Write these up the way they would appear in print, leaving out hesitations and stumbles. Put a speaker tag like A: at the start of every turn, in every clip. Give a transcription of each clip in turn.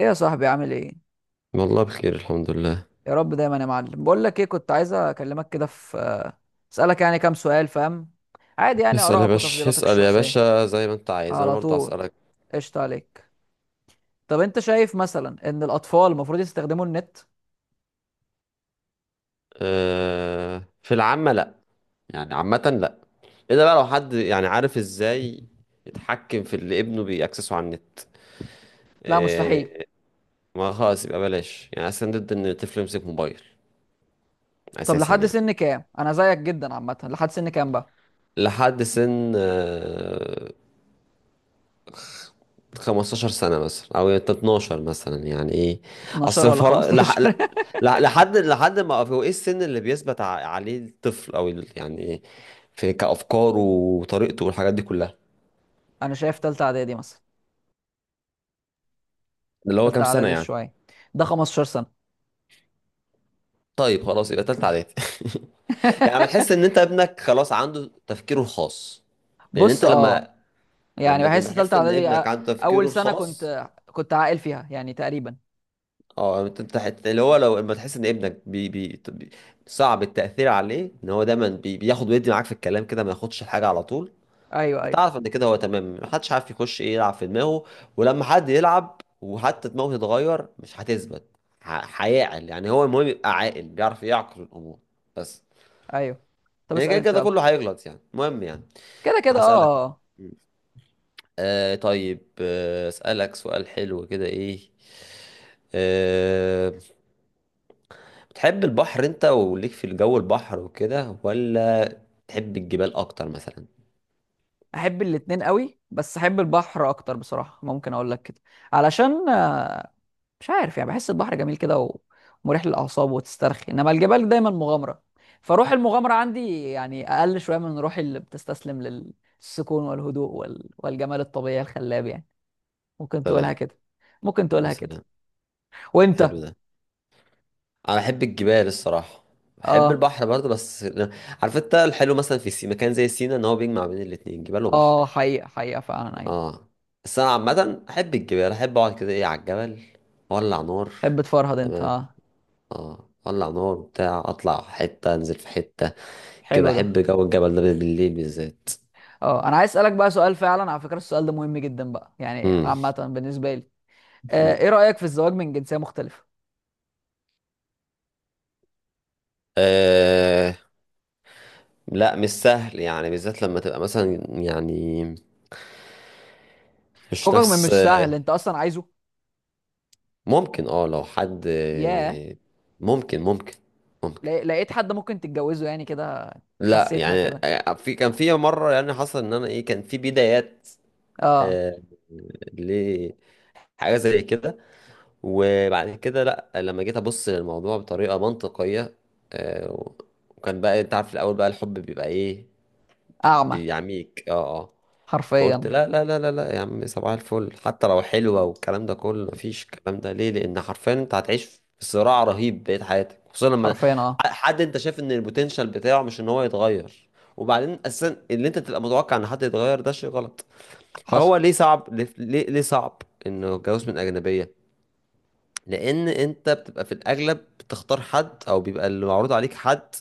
A: ايه يا صاحبي؟ عامل ايه؟
B: والله بخير، الحمد لله.
A: يا رب دايما يا معلم. بقول لك ايه، كنت عايز اكلمك كده في، اسالك يعني كام سؤال، فاهم؟ عادي يعني
B: اسأل يا
A: ارائك
B: باشا،
A: وتفضيلاتك
B: اسأل يا
A: الشخصيه.
B: باشا، زي ما انت عايز انا
A: على
B: برضه
A: طول.
B: هسألك.
A: قشطه عليك. طب انت شايف مثلا ان الاطفال المفروض يستخدموا النت؟
B: أه في العامة لا، يعني عامة لا. الا بقى لو حد يعني عارف ازاي يتحكم في اللي ابنه بيأكسسه على النت،
A: لا مستحيل.
B: أه. ما خلاص يبقى بلاش، يعني اصلا ضد ان الطفل يمسك موبايل
A: طب
B: اساسا
A: لحد
B: يعني.
A: سن كام؟ انا زيك جدا عامه، لحد سن كام بقى؟
B: لحد سن 15 سنة مثلا أو 12 مثلا، يعني إيه
A: 12
B: أصل
A: ولا
B: فرق لح...
A: 15؟
B: لح... لحد لحد ما هو إيه السن اللي بيثبت عليه الطفل أو يعني إيه في كأفكاره وطريقته والحاجات دي كلها.
A: انا شايف تالتة اعدادي مثلا.
B: اللي هو
A: تالتة
B: كام سنة
A: اعدادي
B: يعني؟
A: شويه، ده 15 سنه.
B: طيب خلاص يبقى تالتة إعدادي. يعني بتحس إن أنت ابنك خلاص عنده تفكيره الخاص. لأن
A: بص
B: أنت
A: اه،
B: لما
A: يعني
B: لما
A: بحس
B: لما
A: تالتة
B: تحس إن
A: اعدادي
B: ابنك عنده
A: اول
B: تفكيره
A: سنه
B: الخاص،
A: كنت عاقل فيها يعني تقريبا.
B: اه. انت أنت اللي هو لو لما تحس ان ابنك صعب التأثير عليه، ان هو دايما بياخد ويدي معاك في الكلام كده، ما ياخدش الحاجة على طول.
A: ايوه ايوه
B: انت عارف ان كده هو تمام، محدش عارف يخش ايه يلعب في دماغه، ولما حد يلعب وحتى دماغه تتغير مش هتثبت. هيعقل يعني، هو المهم يبقى عاقل بيعرف يعقل الامور بس
A: ايوه. طب
B: يعني.
A: اسال
B: كده
A: انت
B: كده
A: يلا.
B: كله هيغلط يعني، المهم يعني.
A: كده كده
B: هسألك.
A: اه.
B: آه طيب، آه اسألك سؤال حلو كده. ايه آه، بتحب البحر انت وليك في الجو البحر وكده، ولا تحب الجبال اكتر مثلا؟
A: احب الاتنين قوي، بس احب البحر اكتر بصراحه، ممكن اقول لك كده. علشان مش عارف، يعني بحس البحر جميل كده ومريح للاعصاب وتسترخي، انما الجبال دايما مغامره. فروح المغامره عندي يعني اقل شويه من روح اللي بتستسلم للسكون والهدوء والجمال الطبيعي الخلاب يعني. ممكن تقولها
B: سلام.
A: كده، ممكن
B: يا
A: تقولها كده.
B: سلام،
A: وانت؟
B: حلو ده. انا بحب الجبال الصراحه، بحب
A: اه
B: البحر برضه بس عارف انت الحلو مثلا في مكان زي سينا ان هو بيجمع بين الاتنين، جبال وبحر.
A: اه، حقيقه حقيقه فعلا ايوه.
B: اه بس انا عامه احب الجبال، احب اقعد كده ايه على الجبل، اولع نار.
A: تحب تفرهد انت؟
B: تمام.
A: اه،
B: اه اولع نار وبتاع، اطلع حته انزل في حته كده،
A: حلو ده.
B: احب جو الجبل ده بالليل بالذات.
A: اه انا عايز اسالك بقى سؤال، فعلا على فكره السؤال ده مهم جدا بقى يعني عامه بالنسبه لي. ايه
B: امم
A: رايك في الزواج من جنسيه مختلفه؟
B: لا مش سهل يعني، بالذات لما تبقى مثلا يعني مش
A: فوقك من
B: نفس.
A: مش سهل؟ انت اصلا عايزه؟
B: ممكن اه لو حد،
A: ياه.
B: ممكن ممكن ممكن.
A: لقيت حد ممكن تتجوزه يعني كده؟
B: لا
A: حسيتها
B: يعني،
A: كده؟
B: في كان في مرة يعني حصل ان انا ايه، كان في بدايات،
A: اه.
B: آه، لحاجة زي كده، وبعد كده لا، لما جيت ابص للموضوع بطريقة منطقية، آه، وكان بقى انت عارف الاول بقى الحب بيبقى ايه،
A: اعمى.
B: بيعميك اه اه. فقلت
A: حرفيا.
B: لا لا لا لا لا يا عم، صباح الفل، حتى لو حلوة والكلام ده كله مفيش. الكلام ده ليه؟ لأن حرفيا أنت هتعيش في صراع رهيب بقية حياتك، خصوصا لما
A: حرفيا اه.
B: حد أنت شايف إن البوتنشال بتاعه مش إن هو يتغير، وبعدين أساسا اللي أنت تبقى متوقع إن حد يتغير ده شيء غلط.
A: حصل.
B: فهو ليه صعب، ليه ليه صعب إنه الجواز من أجنبية؟ لأن أنت بتبقى في الأغلب بتختار حد أو بيبقى اللي معروض عليك حد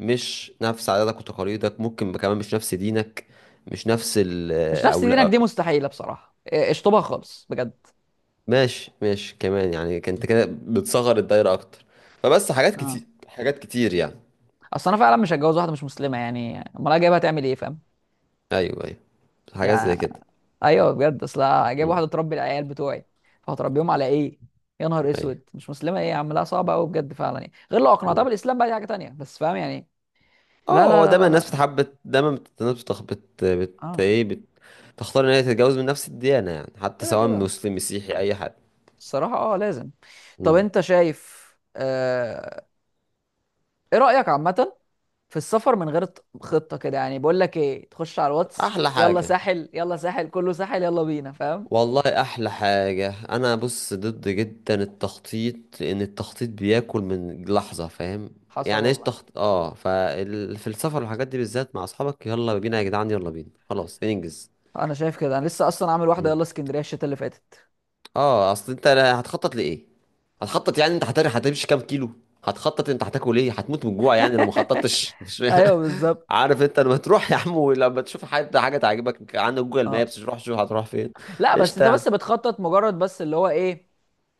B: مش نفس عاداتك وتقاليدك، ممكن كمان مش نفس دينك، مش نفس
A: مش نفس
B: أو.
A: دينك دي مستحيله بصراحه، إيه، اشطبها خالص بجد.
B: ماشي ماشي، كمان يعني كنت كده بتصغر الدايرة أكتر. فبس حاجات
A: اه،
B: كتير، حاجات كتير يعني.
A: اصل انا فعلا مش هتجوز واحده مش مسلمه، يعني امال أنا جايبها تعمل ايه؟ فاهم
B: أيوه أيوه، حاجات زي
A: يعني؟
B: كده.
A: ايوه بجد. اصل جايب
B: مم.
A: واحده تربي العيال بتوعي، فهتربيهم على ايه؟ يا نهار
B: أيوه.
A: اسود، مش مسلمه؟ ايه يا عم؟ لا صعبه قوي بجد فعلا يعني. غير لو اقنعتها
B: مم.
A: بالاسلام بقى دي حاجه تانية، بس فاهم يعني؟ لا
B: أه
A: لا
B: هو
A: لا
B: دايما
A: لا
B: الناس
A: لا.
B: بتحب، دايما الناس بتخ... بت... بت...
A: اه
B: إيه بت... تختار إن هي تتجوز من نفس الديانة يعني، حتى
A: كده
B: سواء
A: كده.
B: مسلم مسيحي أي حد.
A: الصراحه اه لازم. طب
B: مم.
A: انت شايف، آه... ايه رايك عامه في السفر من غير خطه كده؟ يعني بقول لك ايه، تخش على الواتس
B: أحلى
A: يلا
B: حاجة.
A: ساحل، يلا ساحل، كله ساحل، يلا بينا، فاهم؟
B: والله احلى حاجة، انا بص ضد جدا التخطيط، لان التخطيط بياكل من لحظة فاهم
A: حصل
B: يعني. ايش
A: والله.
B: تخط اه، ففي السفر والحاجات دي بالذات مع اصحابك، يلا بينا يا جدعان، يلا بينا خلاص ننجز.
A: انا شايف كده. انا لسه اصلا عامل واحده، يلا
B: مم.
A: اسكندريه الشتا اللي فاتت.
B: اه اصل انت هتخطط لايه؟ هتخطط يعني انت هتمشي كام كيلو؟ هتخطط انت هتاكل ايه؟ هتموت من الجوع يعني لو ما خططتش؟ مش
A: ايوه بالظبط.
B: عارف انت لما تروح يا عم ولما تشوف حد حاجه تعجبك، عندك جوجل،
A: اه
B: مابس روح شوف هتروح فين.
A: لا، بس
B: قشطه
A: انت
B: يعني.
A: بس بتخطط، مجرد بس اللي هو ايه،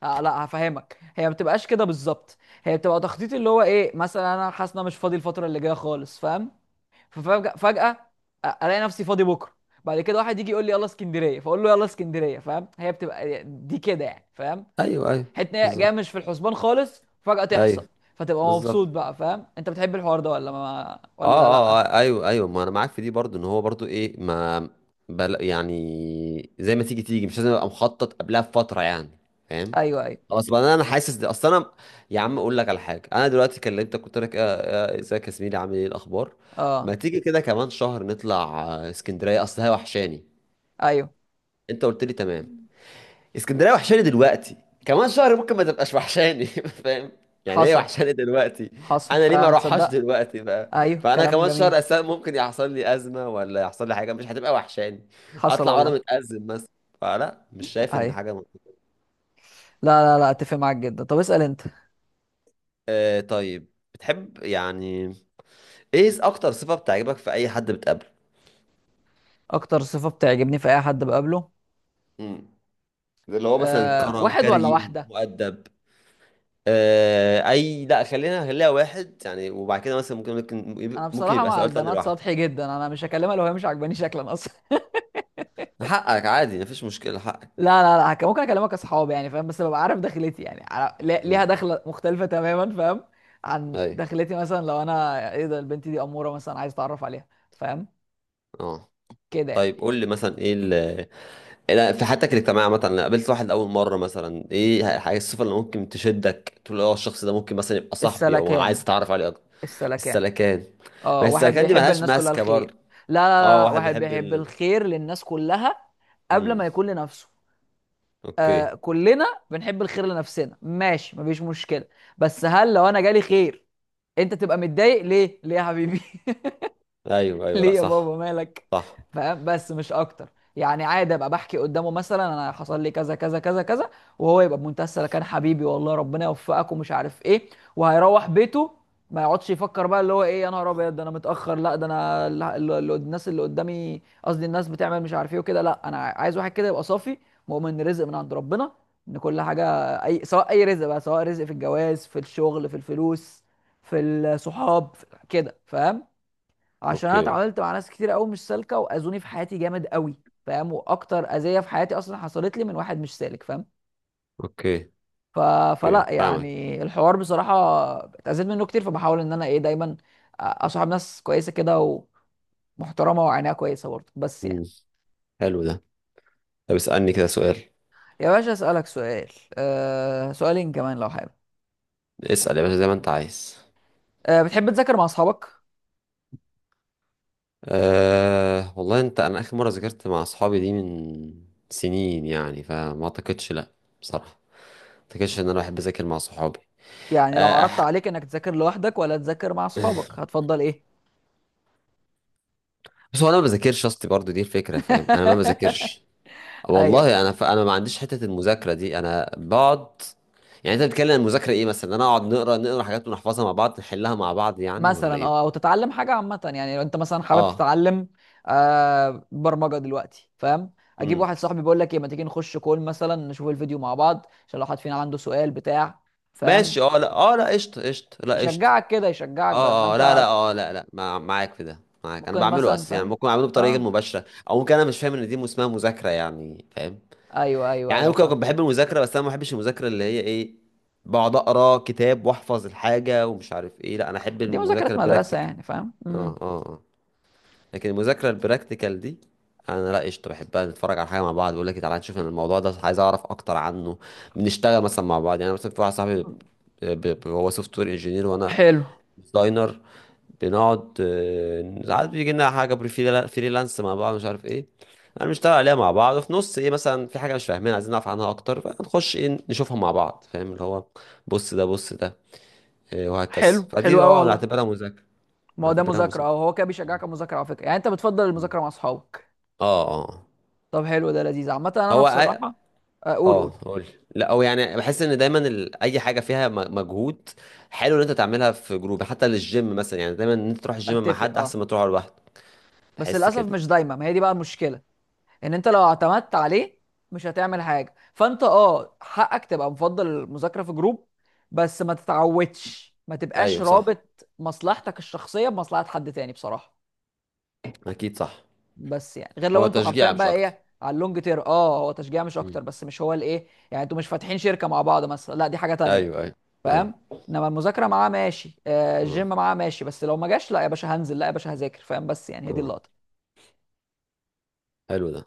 A: آه لا هفهمك، هي ما بتبقاش كده بالظبط. هي بتبقى تخطيط، اللي هو ايه، مثلا انا حاسس ان انا مش فاضي الفتره اللي جايه خالص فاهم. ففجاه فجاه الاقي نفسي فاضي بكره، بعد كده واحد يجي يقول لي يلا اسكندريه، فاقول له يلا اسكندريه، فاهم؟ هي بتبقى دي كده يعني، فاهم؟
B: ايوه ايوه،
A: حتة إن هي جايه
B: بالظبط.
A: مش في الحسبان خالص، فجاه تحصل،
B: ايوه
A: فتبقى مبسوط
B: بالظبط.
A: بقى، فاهم؟ انت بتحب الحوار ده ولا ما
B: اه
A: ولا لا؟
B: اه ايوه ايوه، ما انا معاك في دي برضو، ان هو برضو ايه ما بل، يعني زي ما تيجي تيجي، مش لازم ابقى مخطط قبلها بفتره يعني. فاهم.
A: ايوه ايوه
B: خلاص بقى انا، أنا حاسس ده اصل انا، يا عم اقول لك على حاجه، انا دلوقتي كلمتك قلت لك ازيك يا زميلي، عامل ايه الاخبار؟ ما
A: اه
B: تيجي كده كمان شهر نطلع، اسكندريه اصل هي وحشاني.
A: ايوه.
B: انت قلت لي تمام. اسكندريه وحشاني دلوقتي، كمان شهر ممكن ما تبقاش وحشاني، فاهم؟ يعني ايه
A: حصل.
B: وحشاني دلوقتي،
A: حصل
B: انا ليه ما
A: فعلا
B: اروحهاش
A: تصدق.
B: دلوقتي بقى؟
A: ايوه
B: فانا
A: كلام
B: كمان
A: جميل.
B: شهر اساسا ممكن يحصل لي ازمه ولا يحصل لي حاجه، مش هتبقى وحشاني،
A: حصل
B: اطلع وانا
A: والله.
B: متازم مثلا. فلا مش شايف ان
A: ايوه.
B: حاجه
A: لا لا لا اتفق معاك جدا. طب اسأل انت.
B: آه طيب، بتحب يعني ايه اكتر صفه بتعجبك في اي حد بتقابله؟
A: اكتر صفة بتعجبني في اي حد بقابله؟
B: امم اللي هو مثلا
A: أه
B: كرم،
A: واحد ولا
B: كريم،
A: واحدة؟
B: مؤدب. آه اي، لا خلينا خليها واحد يعني، وبعد كده مثلا ممكن
A: انا
B: ممكن
A: بصراحة
B: يبقى
A: مع
B: سؤال تاني
A: البنات
B: لوحده.
A: سطحي جدا، انا مش هكلمها لو هي مش عاجباني شكلا اصلا.
B: حقك، عادي، مفيش مشكلة، حقك.
A: لا لا لا، ممكن اكلمك اصحاب يعني فاهم، بس ببقى عارف دخلتي يعني ليها
B: امم
A: دخلة مختلفة تماما، فاهم؟ عن
B: ايوه
A: دخلتي، مثلا لو انا ايه ده البنت دي امورة مثلا، عايز اتعرف عليها، فاهم؟
B: اه.
A: كده يعني.
B: طيب قول لي مثلا، ايه إيه، لا، في حياتك الاجتماعية مثلا لو قابلت واحد أول مرة، مثلا ايه الحاجة، الصفة اللي ممكن تشدك تقول اه الشخص ده ممكن مثلا يبقى صاحبي أو
A: السلكان.
B: عايز أتعرف عليه أكتر؟
A: السلكان.
B: السلكان.
A: اه
B: ما
A: واحد
B: السلكان دي
A: بيحب
B: ملهاش
A: الناس كلها
B: ماسكة
A: الخير.
B: برضه.
A: لا لا
B: اه
A: لا،
B: واحد
A: واحد
B: بيحب
A: بيحب
B: ال،
A: الخير للناس كلها قبل
B: امم
A: ما يكون لنفسه.
B: اوكي.
A: آه كلنا بنحب الخير لنفسنا ماشي مفيش مشكلة. بس هل لو انا جالي خير انت تبقى متضايق؟ ليه؟ ليه يا حبيبي؟
B: ايوه ايوه، لا
A: ليه يا
B: صح.
A: بابا مالك؟
B: صح.
A: فاهم؟ بس مش اكتر، يعني عادي ابقى بحكي قدامه مثلا انا حصل لي كذا كذا كذا كذا، وهو يبقى بمنتهى السلامه، كان حبيبي والله ربنا يوفقك ومش عارف ايه، وهيروح بيته. ما يقعدش يفكر بقى اللي هو ايه، يا نهار ابيض ده انا متاخر، لا ده انا الناس اللي قدامي، قصدي الناس بتعمل مش عارف ايه وكده. لا انا عايز واحد كده يبقى صافي، مؤمن ان رزق من عند ربنا، ان كل حاجه، اي سواء اي رزق بقى، سواء رزق في الجواز، في الشغل، في الفلوس، في الصحاب، في كده، فاهم؟ عشان انا
B: اوكي.
A: اتعاملت مع ناس كتير قوي مش سالكه واذوني في حياتي جامد قوي، فاهم؟ واكتر اذيه في حياتي اصلا حصلت لي من واحد مش سالك، فاهم؟
B: اوكي
A: ف...
B: اوكي
A: فلا
B: فاهمك.
A: يعني الحوار بصراحه اتاذيت منه كتير. فبحاول ان انا ايه دايما اصاحب ناس كويسه كده ومحترمه وعينيها كويسه برضه، بس
B: امم
A: يعني.
B: حلو ده. طب اسألني كده سؤال.
A: يا باشا اسالك سؤال، أه سؤالين كمان لو حابب.
B: اسأل يا باشا زي ما انت عايز.
A: أه بتحب تذاكر مع اصحابك؟
B: أه والله انت، انا اخر مره ذاكرت مع اصحابي دي من سنين يعني، فما اعتقدش، لا بصراحه، ما اعتقدش ان انا بحب اذاكر مع صحابي.
A: يعني لو
B: أه
A: عرضت
B: أح...
A: عليك انك تذاكر لوحدك ولا تذاكر مع اصحابك، هتفضل ايه؟
B: بس هو انا ما بذاكرش اصلي برضو دي الفكره، فاهم؟ انا ما بذاكرش.
A: ايوه.
B: والله انا انا ما عنديش حته المذاكره دي، انا بقعد. يعني انت بتتكلم عن المذاكره ايه؟ مثلا انا اقعد نقرا نقرا حاجات ونحفظها مع بعض، نحلها مع بعض يعني، ولا
A: مثلا
B: ايه؟
A: اه، او تتعلم حاجه عامه يعني. لو انت مثلا حابب
B: اه.
A: تتعلم آه برمجه دلوقتي فاهم، اجيب
B: امم
A: واحد صاحبي بيقول لك ايه، ما تيجي نخش كول مثلا نشوف الفيديو مع بعض، عشان لو حد فينا عنده سؤال بتاع، فاهم؟
B: ماشي اه، لا اه، لا قشطه، قشطه، لا قشطه.
A: يشجعك كده، يشجعك بدل ما
B: اه اه لا لا
A: انت
B: اه لا لا، معاك في ده معاك، انا
A: ممكن
B: بعمله
A: مثلا
B: اساسا يعني،
A: فاهم.
B: ممكن اعمله بطريقه غير
A: اه
B: مباشره، او ممكن انا مش فاهم ان دي اسمها مذاكره يعني، فاهم؟
A: ايوه ايوه
B: يعني انا
A: ايوه
B: ممكن
A: فاهم.
B: اكون بحب المذاكره، بس انا ما بحبش المذاكره اللي هي ايه، بقعد اقرا كتاب واحفظ الحاجه ومش عارف ايه. لا انا احب
A: دي مذاكره
B: المذاكره
A: مدرسه
B: البراكتيكال.
A: يعني فاهم.
B: اه
A: امم.
B: اه اه. لكن المذاكره البراكتيكال دي انا لا قشطه بحبها، نتفرج على حاجه مع بعض، بقول لك تعالى نشوف أنا الموضوع ده عايز اعرف اكتر عنه، بنشتغل مثلا مع بعض يعني. أنا مثلا في واحد صاحبي هو سوفت وير انجينير وانا
A: حلو
B: ديزاينر، بنقعد ساعات بيجي لنا حاجه فريلانس مع بعض مش عارف ايه، انا بنشتغل عليها مع بعض، وفي نص ايه مثلا في حاجه مش فاهمينها عايزين نعرف عنها اكتر، فنخش ايه نشوفها مع بعض، فاهم؟ اللي هو بص ده، بص ده، إيه، وهكذا.
A: حلو حلو
B: فدي
A: قوي
B: اه
A: والله.
B: نعتبرها مذاكره،
A: ما هو ده
B: نعتبرها
A: مذاكره اه،
B: مذاكره.
A: هو كده بيشجعك على المذاكره على فكره. يعني انت بتفضل المذاكره مع اصحابك؟
B: اه اه آه.
A: طب حلو ده لذيذ عامه. انا
B: هو
A: بصراحه اقول، قول
B: اه
A: قول.
B: قول. لا هو يعني بحس ان دايما اي حاجه فيها مجهود، حلو ان انت تعملها في جروب، حتى للجيم مثلا، يعني دايما ان انت تروح الجيم مع
A: اتفق
B: حد
A: اه،
B: احسن ما تروح لوحدك،
A: بس
B: بحس
A: للاسف
B: كده.
A: مش دايما، ما هي دي بقى المشكله، ان انت لو اعتمدت عليه مش هتعمل حاجه. فانت اه حقك تبقى مفضل المذاكره في جروب، بس ما تتعودش، ما تبقاش
B: ايوه صح،
A: رابط مصلحتك الشخصيه بمصلحه حد تاني بصراحه.
B: اكيد صح.
A: بس يعني غير لو
B: هو
A: انتوا حرفيا
B: تشجيع مش
A: بقى
B: اكتر.
A: ايه على اللونج تير، اه هو تشجيع مش اكتر،
B: مم.
A: بس مش هو الايه يعني، انتوا مش فاتحين شركه مع بعض مثلا، لا دي حاجه تانيه،
B: ايوه ايوه ايوه.
A: فاهم؟ انما المذاكره معاه ماشي، آه
B: اه
A: الجيم معاه ماشي، بس لو ما جاش لا يا باشا هنزل، لا يا باشا هذاكر، فاهم؟ بس يعني هي دي
B: اه.
A: اللقطه.
B: حلو ده.